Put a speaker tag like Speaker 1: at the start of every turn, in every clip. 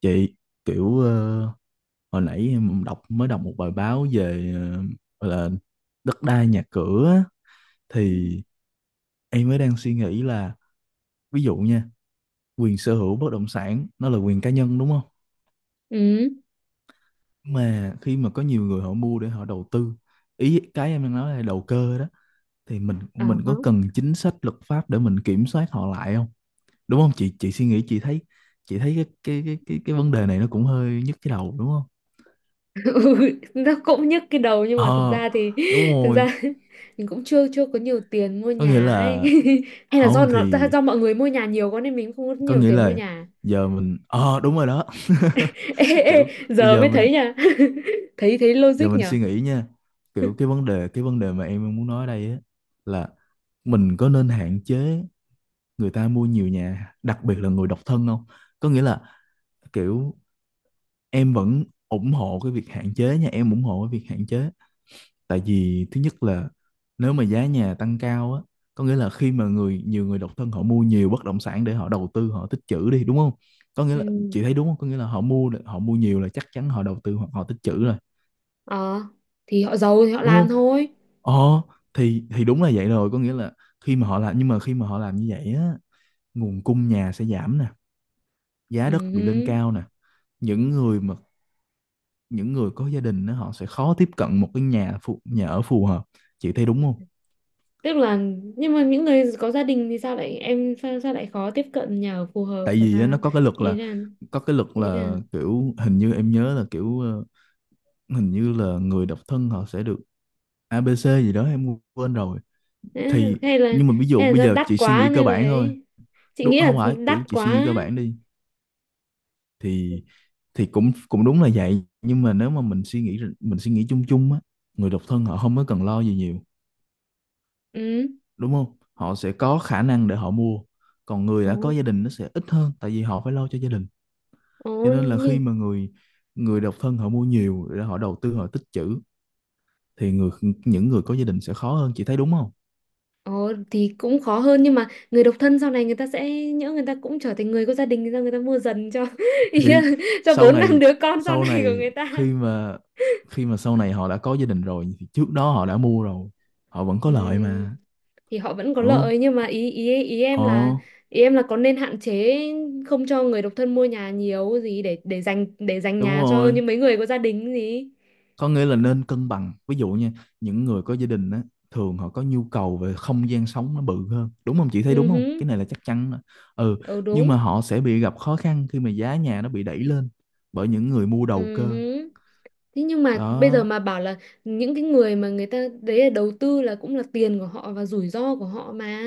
Speaker 1: Chị, kiểu hồi nãy em mới đọc một bài báo về gọi là đất đai nhà cửa á,
Speaker 2: Ừ.
Speaker 1: thì em mới đang suy nghĩ là, ví dụ nha, quyền sở hữu bất động sản nó là quyền cá nhân, đúng không?
Speaker 2: Ừ.
Speaker 1: Mà khi mà có nhiều người họ mua để họ đầu tư, ý cái em đang nói là đầu cơ đó, thì mình
Speaker 2: À,
Speaker 1: mình
Speaker 2: hả.
Speaker 1: có cần chính sách luật pháp để mình kiểm soát họ lại không? Đúng không? Chị suy nghĩ, chị thấy cái vấn đề này nó cũng hơi nhức cái đầu, đúng không?
Speaker 2: Ừ, nó cũng nhức cái đầu nhưng mà thực
Speaker 1: ờ
Speaker 2: ra thì
Speaker 1: Đúng
Speaker 2: thực
Speaker 1: rồi,
Speaker 2: ra mình cũng chưa chưa có nhiều tiền mua
Speaker 1: có nghĩa
Speaker 2: nhà ấy.
Speaker 1: là
Speaker 2: Hay là
Speaker 1: không, thì
Speaker 2: do mọi người mua nhà nhiều quá nên mình không có
Speaker 1: có
Speaker 2: nhiều
Speaker 1: nghĩa
Speaker 2: tiền mua
Speaker 1: là
Speaker 2: nhà.
Speaker 1: giờ mình, đúng rồi đó.
Speaker 2: Ê, ê,
Speaker 1: Kiểu bây
Speaker 2: giờ
Speaker 1: giờ
Speaker 2: mới
Speaker 1: mình,
Speaker 2: thấy nha. Thấy thấy
Speaker 1: giờ
Speaker 2: logic
Speaker 1: mình
Speaker 2: nhở.
Speaker 1: suy nghĩ nha, kiểu cái vấn đề, cái vấn đề mà em muốn nói ở đây á, là mình có nên hạn chế người ta mua nhiều nhà, đặc biệt là người độc thân không? Có nghĩa là kiểu, em vẫn ủng hộ cái việc hạn chế nha, em ủng hộ cái việc hạn chế. Tại vì thứ nhất là, nếu mà giá nhà tăng cao á, có nghĩa là khi mà nhiều người độc thân họ mua nhiều bất động sản để họ đầu tư, họ tích trữ đi, đúng không? Có nghĩa là,
Speaker 2: Ừ.
Speaker 1: chị thấy đúng không? Có nghĩa là họ mua nhiều là chắc chắn họ đầu tư hoặc họ tích trữ rồi,
Speaker 2: Ờ, thì họ giàu thì họ
Speaker 1: đúng
Speaker 2: làm
Speaker 1: không?
Speaker 2: thôi.
Speaker 1: ờ thì đúng là vậy rồi. Có nghĩa là khi mà họ làm, nhưng mà khi mà họ làm như vậy á, nguồn cung nhà sẽ giảm nè, giá đất bị lên
Speaker 2: Ừ.
Speaker 1: cao nè, những người mà những người có gia đình á, họ sẽ khó tiếp cận một cái nhà ở phù hợp, chị thấy đúng không?
Speaker 2: Tức là, nhưng mà những người có gia đình thì sao lại khó tiếp cận nhà ở phù hợp
Speaker 1: Tại
Speaker 2: là
Speaker 1: vì á, nó
Speaker 2: sao?
Speaker 1: có cái luật
Speaker 2: Ý
Speaker 1: là
Speaker 2: là,
Speaker 1: có cái luật
Speaker 2: ý là
Speaker 1: là kiểu, hình như em nhớ là kiểu hình như là người độc thân họ sẽ được ABC gì đó em quên rồi.
Speaker 2: đấy,
Speaker 1: thì
Speaker 2: hay là
Speaker 1: nhưng mà ví dụ
Speaker 2: hay là
Speaker 1: bây
Speaker 2: do
Speaker 1: giờ
Speaker 2: đắt
Speaker 1: chị suy
Speaker 2: quá
Speaker 1: nghĩ cơ
Speaker 2: nên là
Speaker 1: bản thôi,
Speaker 2: ấy, chị
Speaker 1: đúng
Speaker 2: nghĩ là
Speaker 1: không? Phải kiểu
Speaker 2: đắt
Speaker 1: chị suy nghĩ
Speaker 2: quá.
Speaker 1: cơ bản đi, thì thì cũng cũng đúng là vậy, nhưng mà nếu mà mình suy nghĩ chung chung á, người độc thân họ không có cần lo gì nhiều,
Speaker 2: Ừ.
Speaker 1: đúng không? Họ sẽ có khả năng để họ mua, còn người
Speaker 2: Ồ,
Speaker 1: đã có gia đình nó sẽ ít hơn, tại vì họ phải lo cho gia đình.
Speaker 2: ồ
Speaker 1: Cho nên là khi
Speaker 2: nhưng
Speaker 1: mà người người độc thân họ mua nhiều để họ đầu tư, họ tích trữ, thì những người có gia đình sẽ khó hơn, chị thấy đúng không?
Speaker 2: thì cũng khó hơn, nhưng mà người độc thân sau này người ta sẽ nhỡ, người ta cũng trở thành người có gia đình, người ta mua dần cho ý là
Speaker 1: Thì
Speaker 2: cho
Speaker 1: sau
Speaker 2: bốn năm
Speaker 1: này
Speaker 2: đứa con sau
Speaker 1: sau
Speaker 2: này của
Speaker 1: này,
Speaker 2: người
Speaker 1: khi
Speaker 2: ta.
Speaker 1: mà khi mà sau này họ đã có gia đình rồi thì trước đó họ đã mua rồi, họ vẫn có lợi
Speaker 2: Ừm,
Speaker 1: mà,
Speaker 2: thì họ vẫn có
Speaker 1: đúng không?
Speaker 2: lợi nhưng mà ý ý
Speaker 1: ờ
Speaker 2: ý em là có nên hạn chế không cho người độc thân mua nhà nhiều gì để dành
Speaker 1: Đúng
Speaker 2: nhà cho
Speaker 1: rồi,
Speaker 2: những mấy người có gia đình gì.
Speaker 1: có nghĩa là nên cân bằng. Ví dụ nha, những người có gia đình á, thường họ có nhu cầu về không gian sống nó bự hơn, đúng không? Chị thấy
Speaker 2: Ừ
Speaker 1: đúng không?
Speaker 2: hứ,
Speaker 1: Cái này là chắc chắn đó. Ừ,
Speaker 2: ừ
Speaker 1: nhưng
Speaker 2: đúng.
Speaker 1: mà họ sẽ bị gặp khó khăn khi mà giá nhà nó bị đẩy lên bởi những người mua đầu
Speaker 2: Ừ
Speaker 1: cơ.
Speaker 2: hứ. Thế nhưng mà bây giờ
Speaker 1: Đó
Speaker 2: mà bảo là những cái người mà người ta đấy là đầu tư là cũng là tiền của họ và rủi ro của họ mà.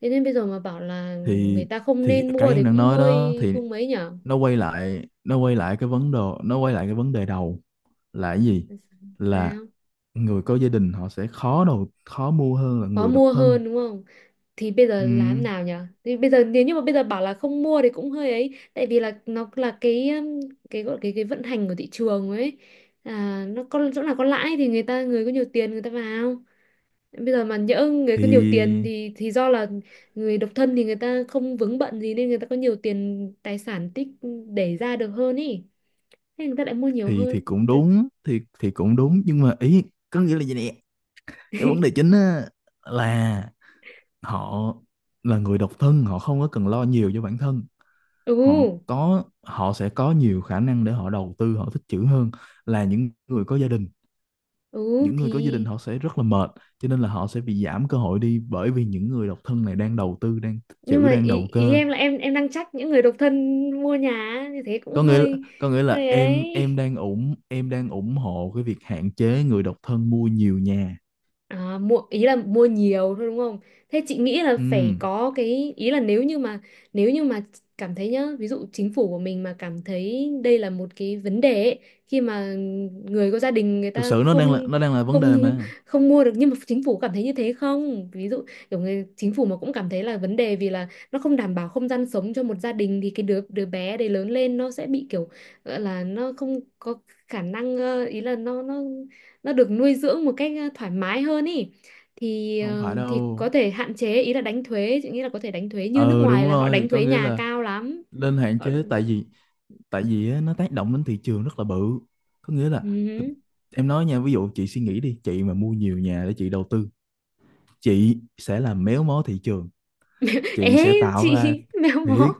Speaker 2: Thế nên bây giờ mà bảo là người
Speaker 1: thì,
Speaker 2: ta không nên
Speaker 1: cái
Speaker 2: mua thì
Speaker 1: em đang
Speaker 2: cũng
Speaker 1: nói đó,
Speaker 2: hơi
Speaker 1: thì
Speaker 2: không mấy nhở.
Speaker 1: nó quay lại cái vấn đề đầu, là cái gì? Là
Speaker 2: Sao?
Speaker 1: người có gia đình họ sẽ khó mua hơn là
Speaker 2: Khó
Speaker 1: người độc
Speaker 2: mua
Speaker 1: thân.
Speaker 2: hơn đúng không? Thì bây giờ làm
Speaker 1: Ừ.
Speaker 2: nào nhở? Thì bây giờ nếu như mà bây giờ bảo là không mua thì cũng hơi ấy, tại vì là nó là cái, cái gọi cái vận hành của thị trường ấy. À, nó có chỗ nào có lãi thì người có nhiều tiền người ta vào. Bây giờ mà nhỡ người có nhiều tiền
Speaker 1: thì
Speaker 2: thì do là người độc thân thì người ta không vướng bận gì nên người ta có nhiều tiền, tài sản tích để ra được hơn ý. Thế người ta lại mua nhiều
Speaker 1: thì
Speaker 2: hơn.
Speaker 1: cũng đúng, thì cũng đúng, nhưng mà ý, có nghĩa là gì nè, cái vấn đề chính á là, họ là người độc thân họ không có cần lo nhiều cho bản thân,
Speaker 2: Ừ,
Speaker 1: họ họ sẽ có nhiều khả năng để họ đầu tư, họ tích trữ hơn là những người có gia đình.
Speaker 2: ừ
Speaker 1: Những người
Speaker 2: thì,
Speaker 1: có gia đình họ sẽ rất là mệt, cho nên là họ sẽ bị giảm cơ hội đi, bởi vì những người độc thân này đang đầu tư, đang tích
Speaker 2: nhưng
Speaker 1: trữ,
Speaker 2: mà
Speaker 1: đang
Speaker 2: ý,
Speaker 1: đầu
Speaker 2: ý
Speaker 1: cơ.
Speaker 2: em là em đang trách những người độc thân mua nhà á, như thế cũng
Speaker 1: có nghĩa là,
Speaker 2: hơi
Speaker 1: có nghĩa là
Speaker 2: hơi
Speaker 1: em
Speaker 2: ấy.
Speaker 1: đang ủng em đang ủng hộ cái việc hạn chế người độc thân mua nhiều nhà.
Speaker 2: À, mua ý là mua nhiều thôi đúng không? Thế chị nghĩ là
Speaker 1: Ừ,
Speaker 2: phải có cái ý là, nếu như mà cảm thấy nhá, ví dụ chính phủ của mình mà cảm thấy đây là một cái vấn đề ấy, khi mà người có gia đình người
Speaker 1: thực
Speaker 2: ta
Speaker 1: sự
Speaker 2: không
Speaker 1: nó đang là vấn
Speaker 2: không
Speaker 1: đề mà,
Speaker 2: không mua được, nhưng mà chính phủ cảm thấy như thế không? Ví dụ kiểu người chính phủ mà cũng cảm thấy là vấn đề vì là nó không đảm bảo không gian sống cho một gia đình thì cái đứa đứa bé đấy lớn lên nó sẽ bị kiểu gọi là nó không có khả năng, ý là nó được nuôi dưỡng một cách, thoải mái hơn ý, thì
Speaker 1: không phải
Speaker 2: thì có
Speaker 1: đâu.
Speaker 2: thể hạn chế, ý là đánh thuế. Chị nghĩ là có thể đánh thuế như nước
Speaker 1: Ờ
Speaker 2: ngoài,
Speaker 1: Đúng
Speaker 2: là họ đánh
Speaker 1: rồi, có
Speaker 2: thuế
Speaker 1: nghĩa
Speaker 2: nhà
Speaker 1: là
Speaker 2: cao lắm,
Speaker 1: nên hạn
Speaker 2: họ...
Speaker 1: chế, tại vì á, nó tác động đến thị trường rất là bự. Có nghĩa là
Speaker 2: Ừ.
Speaker 1: em nói nha, ví dụ chị suy nghĩ đi, chị mà mua nhiều nhà để chị đầu tư, chị sẽ làm méo mó thị trường, chị
Speaker 2: Ế
Speaker 1: sẽ tạo ra
Speaker 2: chị mèo mó
Speaker 1: thiệt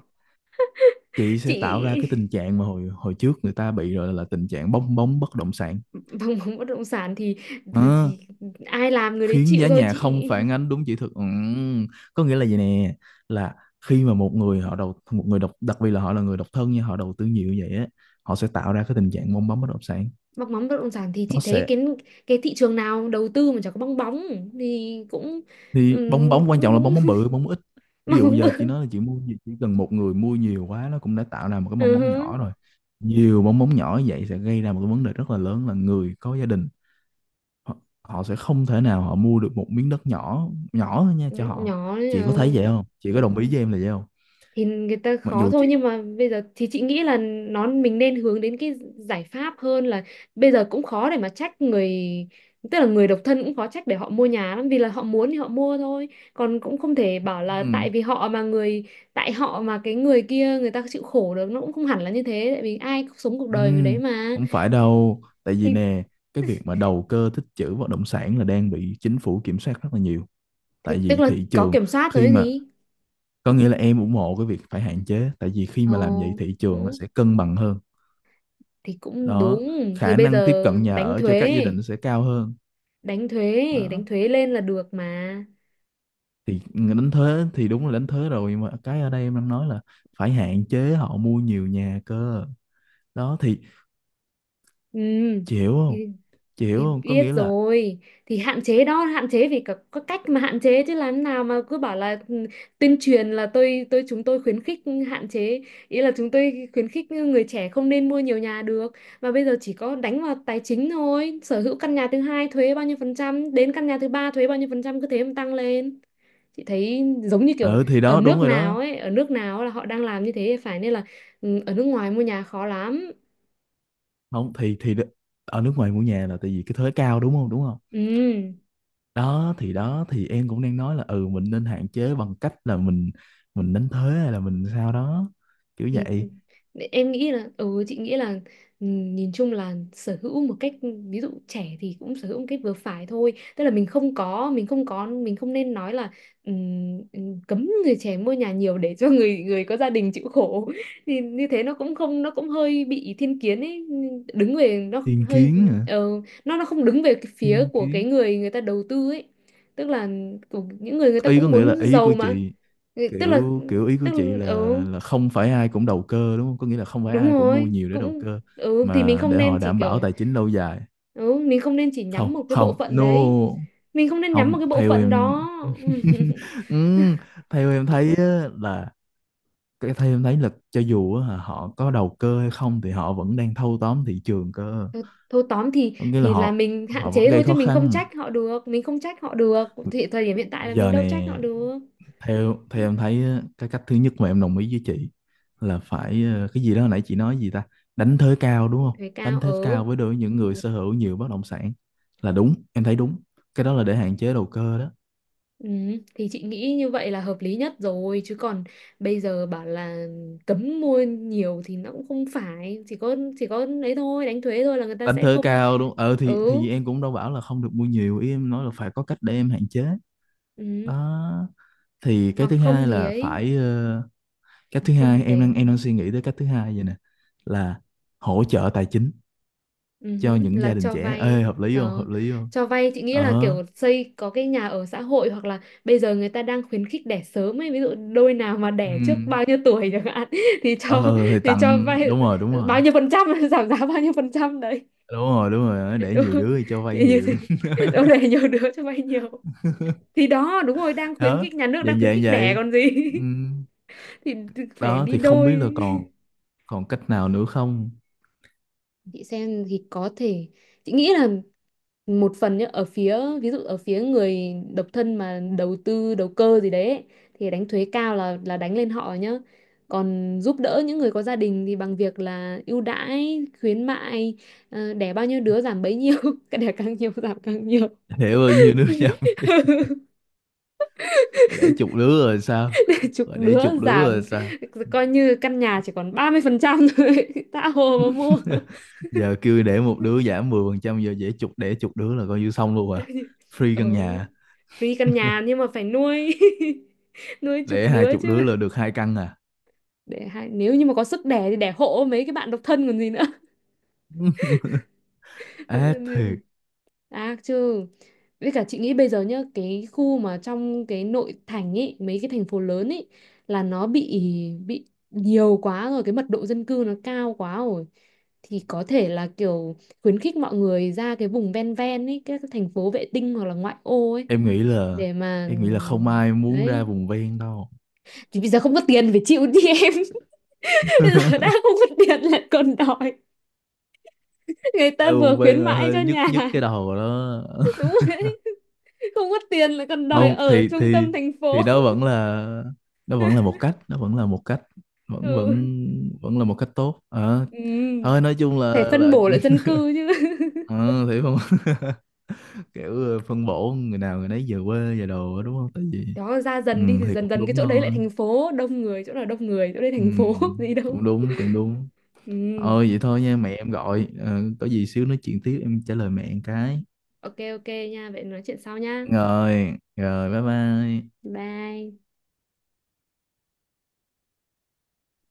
Speaker 1: chị
Speaker 2: chị
Speaker 1: sẽ tạo ra cái tình trạng mà hồi hồi trước người ta bị rồi, là tình trạng bong bóng bất động sản.
Speaker 2: bằng móng bất động sản thì, thì
Speaker 1: Ờ,
Speaker 2: thì ai làm người đấy
Speaker 1: khiến
Speaker 2: chịu
Speaker 1: giá
Speaker 2: thôi
Speaker 1: nhà
Speaker 2: chị.
Speaker 1: không phản ánh đúng chỉ thực. Có nghĩa
Speaker 2: Ừ.
Speaker 1: là gì nè, là khi mà một người độc đặc biệt là họ là người độc thân nhưng họ đầu tư nhiều như vậy á, họ sẽ tạo ra cái tình trạng bong bóng bất động sản.
Speaker 2: Bong bóng bất động sản thì chị
Speaker 1: Nó
Speaker 2: thấy
Speaker 1: sẽ
Speaker 2: cái thị trường nào đầu tư mà chẳng có bong bóng, thì cũng
Speaker 1: Thì bong bóng quan
Speaker 2: cũng
Speaker 1: trọng là
Speaker 2: đúng.
Speaker 1: bong bóng bự, bong bóng ít. Ví
Speaker 2: Bong
Speaker 1: dụ
Speaker 2: bóng
Speaker 1: giờ chị
Speaker 2: bự.
Speaker 1: nói là chị mua gì, chỉ cần một người mua nhiều quá nó cũng đã tạo ra một cái bong
Speaker 2: Ừ
Speaker 1: bóng
Speaker 2: hứ.
Speaker 1: nhỏ rồi. Nhiều bong bóng nhỏ như vậy sẽ gây ra một cái vấn đề rất là lớn, là người có gia đình họ, họ sẽ không thể nào họ mua được một miếng đất nhỏ nhỏ thôi nha
Speaker 2: Ừ,
Speaker 1: cho họ.
Speaker 2: nhỏ đấy
Speaker 1: Chị có thấy
Speaker 2: nhờ.
Speaker 1: vậy không? Chị có đồng ý với em là vậy không?
Speaker 2: Thì người ta
Speaker 1: Mặc
Speaker 2: khó
Speaker 1: dù
Speaker 2: thôi
Speaker 1: chị
Speaker 2: nhưng mà bây giờ thì chị nghĩ là mình nên hướng đến cái giải pháp hơn là bây giờ cũng khó để mà trách người, tức là người độc thân cũng khó trách để họ mua nhà lắm vì là họ muốn thì họ mua thôi. Còn cũng không thể bảo là
Speaker 1: ừm,
Speaker 2: tại họ mà cái người kia người ta chịu khổ được, nó cũng không hẳn là như thế tại vì ai cũng sống cuộc đời người đấy
Speaker 1: ừm,
Speaker 2: mà.
Speaker 1: không phải đâu, tại vì
Speaker 2: thì,
Speaker 1: nè, cái việc mà đầu cơ tích trữ bất động sản là đang bị chính phủ kiểm soát rất là nhiều,
Speaker 2: thì
Speaker 1: tại
Speaker 2: tức
Speaker 1: vì
Speaker 2: là
Speaker 1: thị
Speaker 2: có
Speaker 1: trường
Speaker 2: kiểm soát
Speaker 1: khi
Speaker 2: rồi
Speaker 1: mà,
Speaker 2: gì.
Speaker 1: có nghĩa là em ủng hộ cái việc phải hạn chế, tại vì khi mà làm vậy
Speaker 2: Ồ,
Speaker 1: thị trường nó
Speaker 2: ừ,
Speaker 1: sẽ cân bằng hơn.
Speaker 2: thì cũng
Speaker 1: Đó,
Speaker 2: đúng. Thì
Speaker 1: khả
Speaker 2: bây
Speaker 1: năng tiếp
Speaker 2: giờ
Speaker 1: cận nhà
Speaker 2: đánh
Speaker 1: ở cho các gia
Speaker 2: thuế.
Speaker 1: đình nó sẽ cao hơn.
Speaker 2: Đánh thuế,
Speaker 1: Đó
Speaker 2: đánh thuế lên là được mà.
Speaker 1: thì đánh thuế, thì đúng là đánh thuế rồi, nhưng mà cái ở đây em đang nói là phải hạn chế họ mua nhiều nhà cơ. Đó thì,
Speaker 2: Ừ
Speaker 1: chị hiểu không?
Speaker 2: thì, thì
Speaker 1: Có
Speaker 2: biết
Speaker 1: nghĩa là,
Speaker 2: rồi, thì hạn chế đó, hạn chế vì có cách mà hạn chế chứ làm thế nào mà cứ bảo là ừ, tuyên truyền là tôi chúng tôi khuyến khích hạn chế, ý là chúng tôi khuyến khích người trẻ không nên mua nhiều nhà được. Mà bây giờ chỉ có đánh vào tài chính thôi, sở hữu căn nhà thứ hai thuế bao nhiêu phần trăm, đến căn nhà thứ ba thuế bao nhiêu phần trăm, cứ thế mà tăng lên. Chị thấy giống như kiểu
Speaker 1: ừ thì
Speaker 2: ở
Speaker 1: đó đúng
Speaker 2: nước
Speaker 1: rồi
Speaker 2: nào
Speaker 1: đó,
Speaker 2: ấy, ở nước nào là họ đang làm như thế, phải nên là ừ, ở nước ngoài mua nhà khó lắm.
Speaker 1: không thì ở nước ngoài mua nhà là tại vì cái thuế cao, đúng không? Đúng không?
Speaker 2: Ừ
Speaker 1: Đó thì, em cũng đang nói là, ừ mình nên hạn chế bằng cách là mình đánh thuế hay là mình sao đó, kiểu
Speaker 2: thì
Speaker 1: vậy.
Speaker 2: em nghĩ là, ừ chị nghĩ là ừ, nhìn chung là sở hữu một cách, ví dụ trẻ thì cũng sở hữu một cách vừa phải thôi, tức là mình không nên nói là, cấm người trẻ mua nhà nhiều để cho người người có gia đình chịu khổ thì như thế nó cũng không, nó cũng hơi bị thiên kiến ấy, đứng về nó
Speaker 1: Thiên
Speaker 2: hơi
Speaker 1: kiến hả?
Speaker 2: ờ, nó không đứng về cái phía
Speaker 1: Thiên
Speaker 2: của cái
Speaker 1: kiến,
Speaker 2: người người ta đầu tư ấy, tức là của những người người ta
Speaker 1: ý có
Speaker 2: cũng
Speaker 1: nghĩa
Speaker 2: muốn
Speaker 1: là ý của
Speaker 2: giàu mà.
Speaker 1: chị,
Speaker 2: Ừ, tức là
Speaker 1: kiểu kiểu ý của
Speaker 2: tức
Speaker 1: chị
Speaker 2: là
Speaker 1: là,
Speaker 2: ừ
Speaker 1: không phải ai cũng đầu cơ, đúng không? Có nghĩa là không phải
Speaker 2: đúng
Speaker 1: ai cũng mua
Speaker 2: rồi,
Speaker 1: nhiều để đầu
Speaker 2: cũng
Speaker 1: cơ,
Speaker 2: ừ thì mình
Speaker 1: mà
Speaker 2: không
Speaker 1: để họ
Speaker 2: nên chỉ
Speaker 1: đảm
Speaker 2: kiểu,
Speaker 1: bảo tài chính lâu dài.
Speaker 2: ừ mình không nên chỉ nhắm
Speaker 1: Không,
Speaker 2: một cái bộ
Speaker 1: không,
Speaker 2: phận
Speaker 1: no,
Speaker 2: đấy, mình không nên nhắm một
Speaker 1: không
Speaker 2: cái bộ
Speaker 1: theo
Speaker 2: phận
Speaker 1: em.
Speaker 2: đó.
Speaker 1: Ừ, theo em thấy á, là cái thấy em thấy là cho dù á, họ có đầu cơ hay không thì họ vẫn đang thâu tóm thị trường cơ.
Speaker 2: Thôi, thôi tóm thì
Speaker 1: Có nghĩa là
Speaker 2: là
Speaker 1: họ
Speaker 2: mình hạn
Speaker 1: họ vẫn
Speaker 2: chế
Speaker 1: gây
Speaker 2: thôi chứ
Speaker 1: khó
Speaker 2: mình không
Speaker 1: khăn
Speaker 2: trách họ được, mình không trách họ được thì thời điểm hiện tại
Speaker 1: bây
Speaker 2: là mình
Speaker 1: giờ
Speaker 2: đâu trách họ
Speaker 1: nè.
Speaker 2: được.
Speaker 1: Theo Theo em thấy á, cái cách thứ nhất mà em đồng ý với chị là phải cái gì đó hồi nãy chị nói gì ta, đánh thuế cao, đúng không?
Speaker 2: Thuế
Speaker 1: Đánh
Speaker 2: cao
Speaker 1: thuế
Speaker 2: ở,
Speaker 1: cao với, đối với những người sở hữu nhiều bất động sản, là đúng, em thấy đúng, cái đó là để hạn chế đầu cơ đó.
Speaker 2: ừ, thì chị nghĩ như vậy là hợp lý nhất rồi chứ còn bây giờ bảo là cấm mua nhiều thì nó cũng không phải. Chỉ có ấy thôi, đánh thuế thôi là người ta
Speaker 1: Đánh
Speaker 2: sẽ
Speaker 1: thuế
Speaker 2: không.
Speaker 1: cao, đúng. Ờ thì
Speaker 2: Ừ.
Speaker 1: thì em cũng đâu bảo là không được mua nhiều, ý em nói là phải có cách để em hạn chế.
Speaker 2: Ừ.
Speaker 1: Đó thì cái
Speaker 2: Hoặc
Speaker 1: thứ
Speaker 2: không
Speaker 1: hai
Speaker 2: thì
Speaker 1: là
Speaker 2: ấy,
Speaker 1: phải cách
Speaker 2: hoặc
Speaker 1: thứ
Speaker 2: không thì
Speaker 1: hai em
Speaker 2: phải,
Speaker 1: đang, suy nghĩ tới cách thứ hai vậy nè, là hỗ trợ tài chính
Speaker 2: ừ,
Speaker 1: cho
Speaker 2: hứ,
Speaker 1: những
Speaker 2: là
Speaker 1: gia đình
Speaker 2: cho
Speaker 1: trẻ. Ê,
Speaker 2: vay.
Speaker 1: hợp lý không?
Speaker 2: Ờ.
Speaker 1: Hợp lý không?
Speaker 2: Cho vay chị nghĩ là
Speaker 1: ờ
Speaker 2: kiểu xây có cái nhà ở xã hội, hoặc là bây giờ người ta đang khuyến khích đẻ sớm ấy, ví dụ đôi nào mà đẻ trước
Speaker 1: ừ.
Speaker 2: bao nhiêu tuổi chẳng hạn thì cho,
Speaker 1: Ờ, thì
Speaker 2: thì cho
Speaker 1: tặng,
Speaker 2: vay bao nhiêu phần trăm giảm giá bao nhiêu phần trăm đấy,
Speaker 1: đúng rồi, để
Speaker 2: đúng
Speaker 1: nhiều
Speaker 2: không?
Speaker 1: đứa thì cho vay
Speaker 2: Thì như
Speaker 1: nhiều.
Speaker 2: thế đâu, đẻ nhiều đứa cho vay nhiều, thì đó đúng rồi, đang khuyến
Speaker 1: Đó,
Speaker 2: khích, nhà nước đang
Speaker 1: dạng
Speaker 2: khuyến
Speaker 1: dạng
Speaker 2: khích đẻ
Speaker 1: vậy.
Speaker 2: còn gì
Speaker 1: Ừ.
Speaker 2: thì phải
Speaker 1: Đó
Speaker 2: đi
Speaker 1: thì không biết là,
Speaker 2: đôi.
Speaker 1: còn còn cách nào nữa không?
Speaker 2: Chị xem thì có thể, chị nghĩ là một phần nhá, ở phía ví dụ ở phía người độc thân mà đầu tư, đầu cơ gì đấy ấy, thì đánh thuế cao là đánh lên họ nhá. Còn giúp đỡ những người có gia đình thì bằng việc là ưu đãi khuyến mại, ờ, đẻ bao nhiêu đứa giảm bấy nhiêu cái đẻ càng nhiều giảm càng nhiều.
Speaker 1: Để bao nhiêu đứa nhầm đi, để chục đứa rồi sao?
Speaker 2: Chục
Speaker 1: Để
Speaker 2: đứa
Speaker 1: chục đứa rồi
Speaker 2: giảm,
Speaker 1: sao?
Speaker 2: coi như căn nhà chỉ còn 30% thôi tha hồ mà mua.
Speaker 1: Giờ kêu để một đứa giảm 10%, giờ dễ chục, để chục đứa là coi như xong luôn à, free căn
Speaker 2: Ừ.
Speaker 1: nhà,
Speaker 2: Free căn nhà nhưng mà phải nuôi, nuôi chục
Speaker 1: để hai
Speaker 2: đứa
Speaker 1: chục
Speaker 2: chứ.
Speaker 1: đứa là được hai căn à.
Speaker 2: Để hai Nếu như mà có sức đẻ thì đẻ hộ mấy cái bạn độc thân còn gì nữa.
Speaker 1: Ác thiệt.
Speaker 2: À chứ, với cả chị nghĩ bây giờ nhá, cái khu mà trong cái nội thành ấy, mấy cái thành phố lớn ấy là nó bị, nhiều quá rồi, cái mật độ dân cư nó cao quá rồi, thì có thể là kiểu khuyến khích mọi người ra cái vùng ven, ven ấy, các cái thành phố vệ tinh hoặc là ngoại ô ấy,
Speaker 1: em nghĩ là
Speaker 2: để mà
Speaker 1: em nghĩ là không ai muốn ra
Speaker 2: đấy.
Speaker 1: vùng ven đâu,
Speaker 2: Thì bây giờ không có tiền phải chịu đi em. Bây giờ đã không có tiền lại còn đòi người
Speaker 1: ra
Speaker 2: ta vừa
Speaker 1: vùng
Speaker 2: khuyến
Speaker 1: ven là
Speaker 2: mãi cho
Speaker 1: hơi nhức
Speaker 2: nhà.
Speaker 1: nhức cái đầu đó.
Speaker 2: Đúng rồi đấy, không có tiền lại còn đòi
Speaker 1: Không
Speaker 2: ở
Speaker 1: thì,
Speaker 2: trung
Speaker 1: thì
Speaker 2: tâm thành phố.
Speaker 1: thì đó vẫn là một cách, vẫn vẫn
Speaker 2: Ừ.
Speaker 1: vẫn là một cách tốt. Ờ, thôi
Speaker 2: Ừ.
Speaker 1: nói chung là
Speaker 2: Phải phân
Speaker 1: là.
Speaker 2: bổ lại dân cư chứ.
Speaker 1: Ờ, thì không, kiểu phân bổ người nào người nấy về quê về đồ á, đúng không, tại vì.
Speaker 2: Đó, ra
Speaker 1: Ừ,
Speaker 2: dần đi thì
Speaker 1: thì
Speaker 2: dần
Speaker 1: cũng
Speaker 2: dần cái
Speaker 1: đúng
Speaker 2: chỗ đấy
Speaker 1: thôi.
Speaker 2: lại thành phố đông người, chỗ nào đông người chỗ đấy
Speaker 1: Ừ,
Speaker 2: thành phố gì đâu.
Speaker 1: cũng đúng.
Speaker 2: Ừ.
Speaker 1: Vậy thôi nha, mẹ em gọi. Ờ, có gì xíu nói chuyện tiếp, em trả lời mẹ một cái.
Speaker 2: OK, OK nha, vậy nói chuyện sau nha.
Speaker 1: Rồi Rồi, bye bye.
Speaker 2: Bye.